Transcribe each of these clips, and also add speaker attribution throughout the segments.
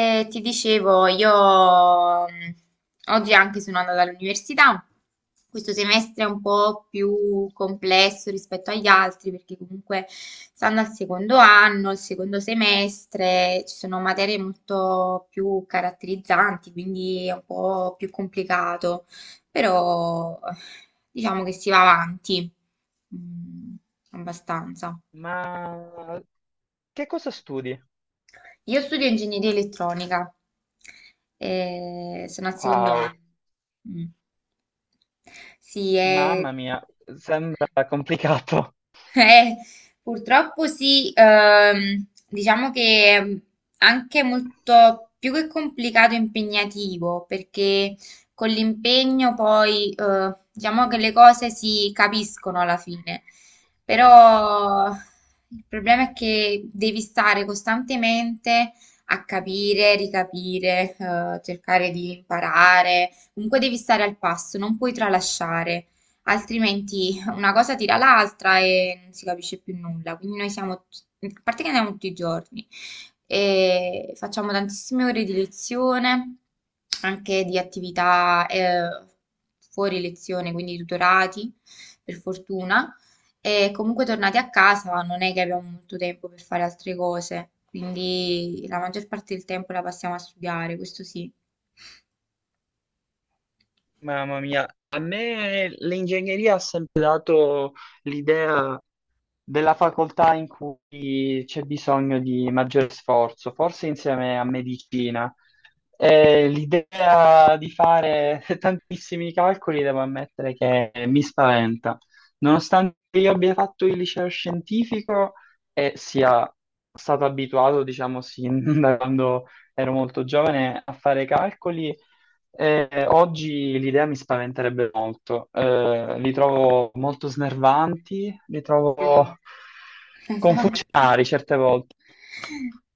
Speaker 1: E ti dicevo, io mh, oggi anche sono andata all'università. Questo semestre è un po' più complesso rispetto agli altri perché comunque stando al secondo anno, al secondo semestre, ci sono materie molto più caratterizzanti, quindi è un po' più complicato, però diciamo che si va avanti, mm, abbastanza.
Speaker 2: Ma che cosa studi?
Speaker 1: Io studio ingegneria elettronica, sono al secondo
Speaker 2: Wow,
Speaker 1: anno. Mm. Sì.
Speaker 2: mamma mia, sembra complicato.
Speaker 1: Eh, Purtroppo sì, diciamo che è anche molto più che complicato, impegnativo, perché con l'impegno poi diciamo che le cose si capiscono alla fine, però il problema è che devi stare costantemente a capire, ricapire, cercare di imparare, comunque devi stare al passo, non puoi tralasciare. Altrimenti una cosa tira l'altra e non si capisce più nulla. Quindi noi siamo, a parte che andiamo tutti i giorni, e facciamo tantissime ore di lezione, anche di attività fuori lezione, quindi tutorati, per fortuna. E comunque tornati a casa non è che abbiamo molto tempo per fare altre cose, quindi la maggior parte del tempo la passiamo a studiare, questo sì.
Speaker 2: Mamma mia, a me l'ingegneria ha sempre dato l'idea della facoltà in cui c'è bisogno di maggiore sforzo, forse insieme a medicina. E l'idea di fare tantissimi calcoli, devo ammettere che mi spaventa. Nonostante io abbia fatto il liceo scientifico e sia stato abituato, diciamo, sin da quando ero molto giovane a fare calcoli, oggi l'idea mi spaventerebbe molto, li trovo molto snervanti, li
Speaker 1: Sì,
Speaker 2: trovo
Speaker 1: esatto.
Speaker 2: confusionari certe volte.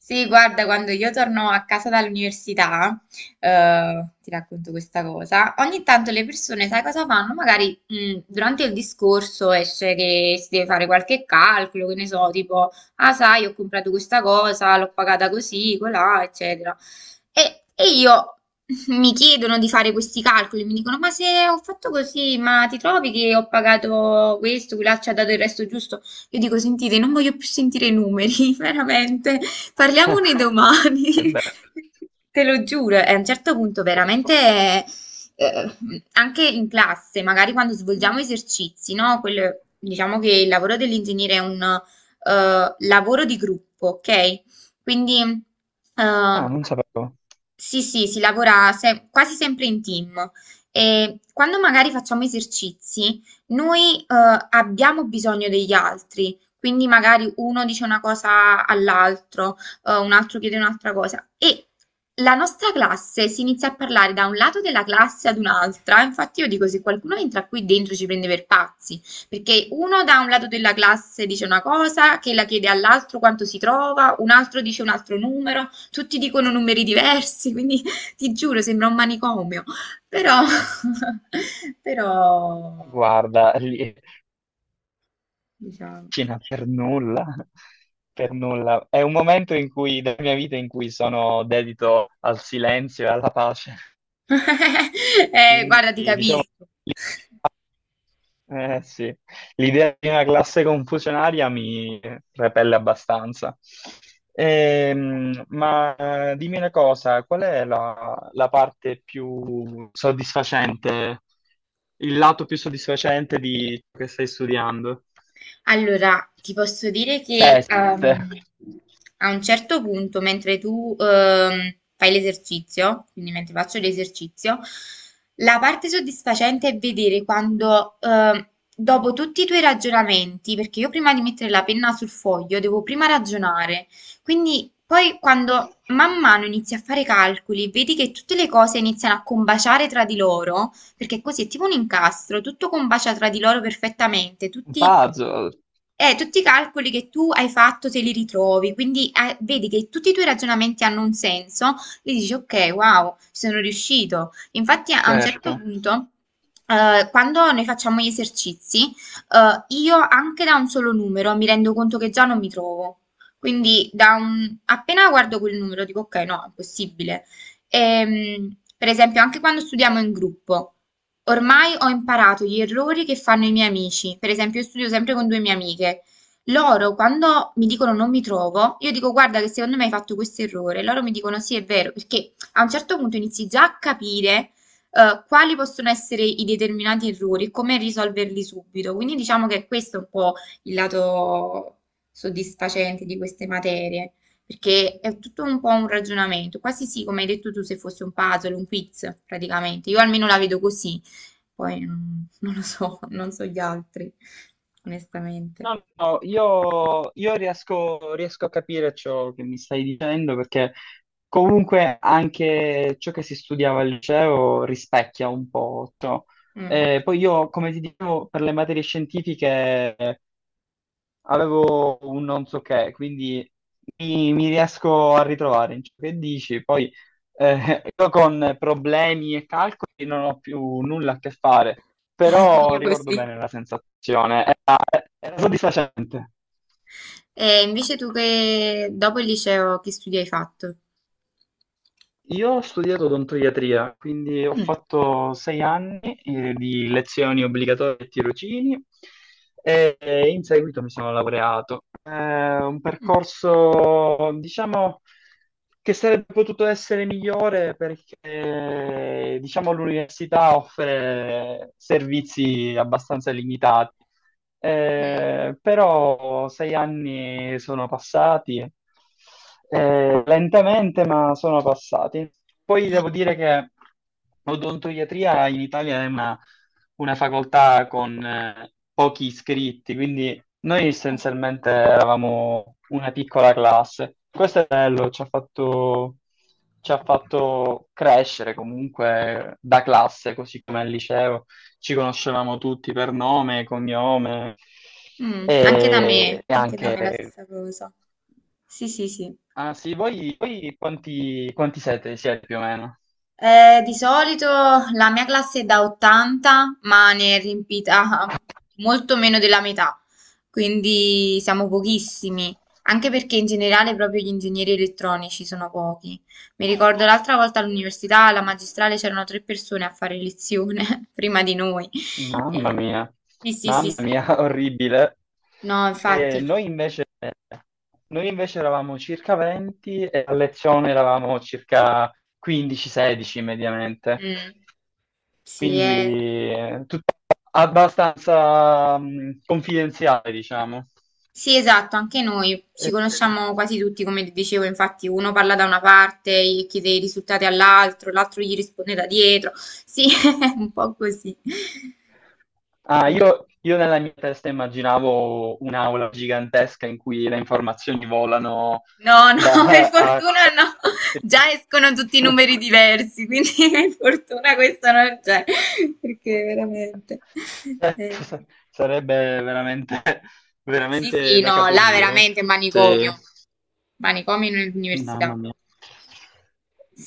Speaker 1: Sì, guarda, quando io torno a casa dall'università, ti racconto questa cosa, ogni tanto le persone, sai cosa fanno? Magari durante il discorso esce che si deve fare qualche calcolo, che ne so, tipo, ah sai, ho comprato questa cosa, l'ho pagata così, colà, eccetera. E io mi chiedono di fare questi calcoli, mi dicono: Ma se ho fatto così, ma ti trovi che ho pagato questo, quella ci ha dato il resto giusto? Io dico: Sentite, non voglio più sentire i numeri, veramente, parliamone
Speaker 2: Se è
Speaker 1: domani.
Speaker 2: vero.
Speaker 1: Te lo giuro, e a un certo punto
Speaker 2: Poi-
Speaker 1: veramente eh, anche in classe, magari quando svolgiamo esercizi, no? Diciamo che il lavoro dell'ingegnere è un lavoro di gruppo, ok? Quindi,
Speaker 2: Ah,
Speaker 1: eh,
Speaker 2: non sapevo.
Speaker 1: sì, sì, si lavora quasi sempre in team. E quando magari facciamo esercizi, noi, abbiamo bisogno degli altri. Quindi magari uno dice una cosa all'altro, un altro chiede un'altra cosa. E la nostra classe si inizia a parlare da un lato della classe ad un'altra. Infatti io dico, se qualcuno entra qui dentro ci prende per pazzi. Perché uno da un lato della classe dice una cosa, che la chiede all'altro quanto si trova, un altro dice un altro numero, tutti dicono numeri diversi, quindi ti giuro, sembra un manicomio. Però, però,
Speaker 2: Guarda,
Speaker 1: diciamo,
Speaker 2: cucina per nulla, per nulla. È un momento in cui, della mia vita in cui sono dedito al silenzio e alla pace. Quindi,
Speaker 1: Guarda, ti
Speaker 2: diciamo,
Speaker 1: capisco.
Speaker 2: sì, l'idea di una classe confusionaria mi repelle abbastanza. Ma dimmi una cosa, qual è la parte più soddisfacente, il lato più soddisfacente di ciò che stai studiando?
Speaker 1: Allora, ti posso dire che
Speaker 2: Seste.
Speaker 1: a un certo punto, mentre tu fai l'esercizio, quindi mentre faccio l'esercizio, la parte soddisfacente è vedere quando, dopo tutti i tuoi ragionamenti, perché io prima di mettere la penna sul foglio devo prima ragionare, quindi poi quando man mano inizi a fare calcoli, vedi che tutte le cose iniziano a combaciare tra di loro, perché così è tipo un incastro, tutto combacia tra di loro perfettamente,
Speaker 2: Un
Speaker 1: tutti
Speaker 2: puzzle,
Speaker 1: eh, tutti i calcoli che tu hai fatto te li ritrovi, quindi vedi che tutti i tuoi ragionamenti hanno un senso, e dici ok, wow, ci sono riuscito. Infatti a un certo
Speaker 2: certo.
Speaker 1: punto, quando noi facciamo gli esercizi, io anche da un solo numero mi rendo conto che già non mi trovo. Quindi appena guardo quel numero dico ok, no, è impossibile. Per esempio, anche quando studiamo in gruppo. Ormai ho imparato gli errori che fanno i miei amici, per esempio io studio sempre con due mie amiche, loro quando mi dicono non mi trovo, io dico guarda che secondo me hai fatto questo errore, loro mi dicono sì è vero, perché a un certo punto inizi già a capire quali possono essere i determinati errori e come risolverli subito, quindi diciamo che questo è un po' il lato soddisfacente di queste materie, perché è tutto un po' un ragionamento, quasi sì, come hai detto tu, se fosse un puzzle, un quiz praticamente, io almeno la vedo così. Poi non lo so, non so gli altri, onestamente.
Speaker 2: No, no, io riesco a capire ciò che mi stai dicendo perché comunque anche ciò che si studiava al liceo rispecchia un po' ciò.
Speaker 1: Mm.
Speaker 2: Poi io, come ti dicevo, per le materie scientifiche avevo un non so che, quindi mi riesco a ritrovare in ciò che dici. Poi io con problemi e calcoli non ho più nulla a che fare, però
Speaker 1: Io
Speaker 2: ricordo
Speaker 1: così.
Speaker 2: bene la sensazione, era soddisfacente.
Speaker 1: E invece tu che dopo il liceo che studi hai fatto?
Speaker 2: Io ho studiato odontoiatria, quindi ho
Speaker 1: Mm.
Speaker 2: fatto 6 anni di lezioni obbligatorie e tirocini e in seguito mi sono laureato. È un
Speaker 1: Mm.
Speaker 2: percorso, diciamo, che sarebbe potuto essere migliore perché, diciamo, l'università offre servizi abbastanza limitati.
Speaker 1: Mm.
Speaker 2: Però 6 anni sono passati, lentamente, ma sono passati. Poi devo dire che odontoiatria in Italia è una facoltà con pochi iscritti, quindi noi
Speaker 1: Eh.
Speaker 2: essenzialmente eravamo una piccola classe. Questo è bello, ci ha fatto crescere comunque da classe, così come al liceo ci conoscevamo tutti per nome, cognome
Speaker 1: Mm.
Speaker 2: e, e
Speaker 1: Anche da
Speaker 2: anche.
Speaker 1: me la stessa cosa. Sì, sì, sì.
Speaker 2: Ah sì, voi quanti siete più o meno?
Speaker 1: Di solito la mia classe è da 80, ma ne è riempita molto meno della metà, quindi siamo pochissimi, anche perché in generale proprio gli ingegneri elettronici sono pochi. Mi ricordo l'altra volta all'università, alla magistrale, c'erano tre persone a fare lezione prima di noi.
Speaker 2: Mamma
Speaker 1: Eh,
Speaker 2: mia,
Speaker 1: sì, sì, sì,
Speaker 2: mamma
Speaker 1: sì.
Speaker 2: mia, orribile.
Speaker 1: No,
Speaker 2: E
Speaker 1: infatti.
Speaker 2: noi invece eravamo circa 20 e a lezione eravamo circa 15-16 mediamente.
Speaker 1: Mm. Sì, è
Speaker 2: Quindi abbastanza confidenziale, diciamo.
Speaker 1: Sì, esatto, anche noi ci
Speaker 2: Eh,
Speaker 1: conosciamo quasi tutti, come ti dicevo, infatti uno parla da una parte e chiede i risultati all'altro, l'altro gli risponde da dietro. Sì, è un po' così.
Speaker 2: ah,
Speaker 1: Eh,
Speaker 2: io nella mia testa immaginavo un'aula gigantesca in cui le informazioni volano
Speaker 1: No, no, per
Speaker 2: da a-
Speaker 1: fortuna no. Già escono tutti i numeri diversi, quindi per fortuna questo non c'è, perché veramente.
Speaker 2: Certo,
Speaker 1: eh,
Speaker 2: sarebbe veramente,
Speaker 1: Sì,
Speaker 2: veramente
Speaker 1: sì,
Speaker 2: da
Speaker 1: no, là
Speaker 2: capogiro.
Speaker 1: veramente è
Speaker 2: Sì.
Speaker 1: manicomio. Manicomio in università
Speaker 2: Mamma mia.
Speaker 1: proprio.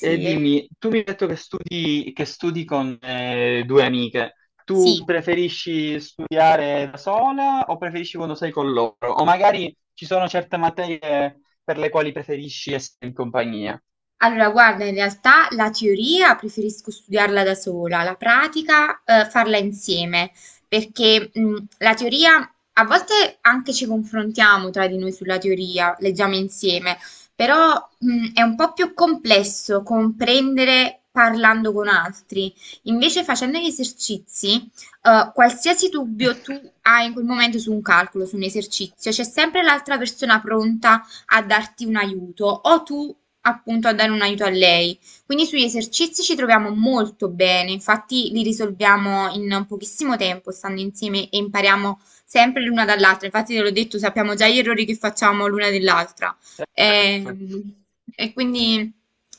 Speaker 2: E dimmi, tu mi hai detto che studi, con due amiche. Tu
Speaker 1: sì.
Speaker 2: preferisci studiare da sola o preferisci quando sei con loro? O magari ci sono certe materie per le quali preferisci essere in compagnia?
Speaker 1: Allora, guarda, in realtà la teoria preferisco studiarla da sola, la pratica farla insieme, perché la teoria a volte anche ci confrontiamo tra di noi sulla teoria, leggiamo insieme, però è un po' più complesso comprendere parlando con altri. Invece facendo gli esercizi, qualsiasi dubbio tu hai in quel momento su un calcolo, su un esercizio, c'è sempre l'altra persona pronta a darti un aiuto o tu appunto a dare un aiuto a lei. Quindi sugli esercizi ci troviamo molto bene, infatti li risolviamo in pochissimo tempo stando insieme e impariamo sempre l'una dall'altra. Infatti te l'ho detto, sappiamo già gli errori che facciamo l'una dell'altra.
Speaker 2: Certo.
Speaker 1: Ehm, E, quindi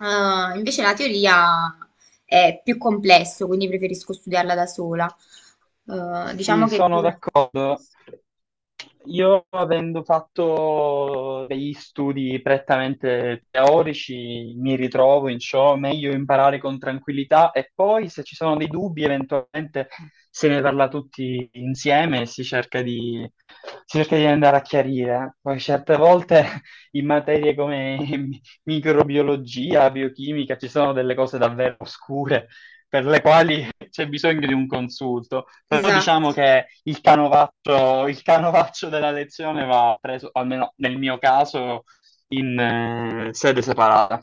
Speaker 1: invece la teoria è più complesso, quindi preferisco studiarla da sola. Diciamo
Speaker 2: Sì,
Speaker 1: che è più.
Speaker 2: sono d'accordo. Io avendo fatto degli studi prettamente teorici, mi ritrovo in ciò, meglio imparare con tranquillità e poi se ci sono dei dubbi, eventualmente se ne parla tutti insieme e si cerca di andare a chiarire. Poi certe volte in materie come microbiologia, biochimica, ci sono delle cose davvero oscure per le quali c'è bisogno di un consulto. Però
Speaker 1: Esatto.
Speaker 2: diciamo che il canovaccio della lezione va preso, almeno nel mio caso, in sede separata.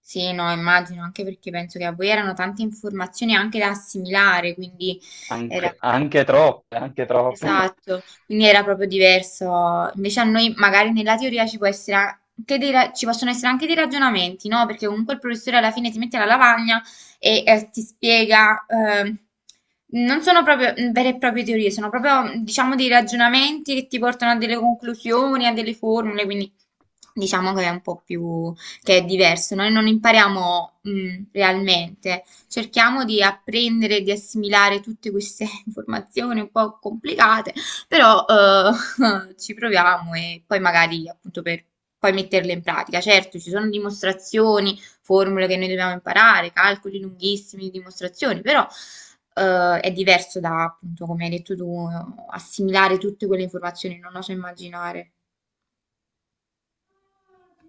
Speaker 1: Sì, no, immagino, anche perché penso che a voi erano tante informazioni anche da assimilare, quindi era.
Speaker 2: Anche, anche troppe, anche troppe.
Speaker 1: Esatto, quindi era proprio diverso. Invece a noi magari nella teoria ci può essere ci possono essere anche dei ragionamenti, no? Perché comunque il professore alla fine ti mette la lavagna e ti spiega, non sono proprio vere e proprie teorie, sono proprio diciamo dei ragionamenti che ti portano a delle conclusioni, a delle formule, quindi diciamo che è un po' più, che è diverso. Noi non impariamo realmente, cerchiamo di apprendere, di assimilare tutte queste informazioni un po' complicate, però ci proviamo e poi magari appunto per poi metterle in pratica. Certo, ci sono dimostrazioni, formule che noi dobbiamo imparare, calcoli lunghissimi di dimostrazioni, però è diverso da appunto, come hai detto tu, assimilare tutte quelle informazioni, non lo so immaginare.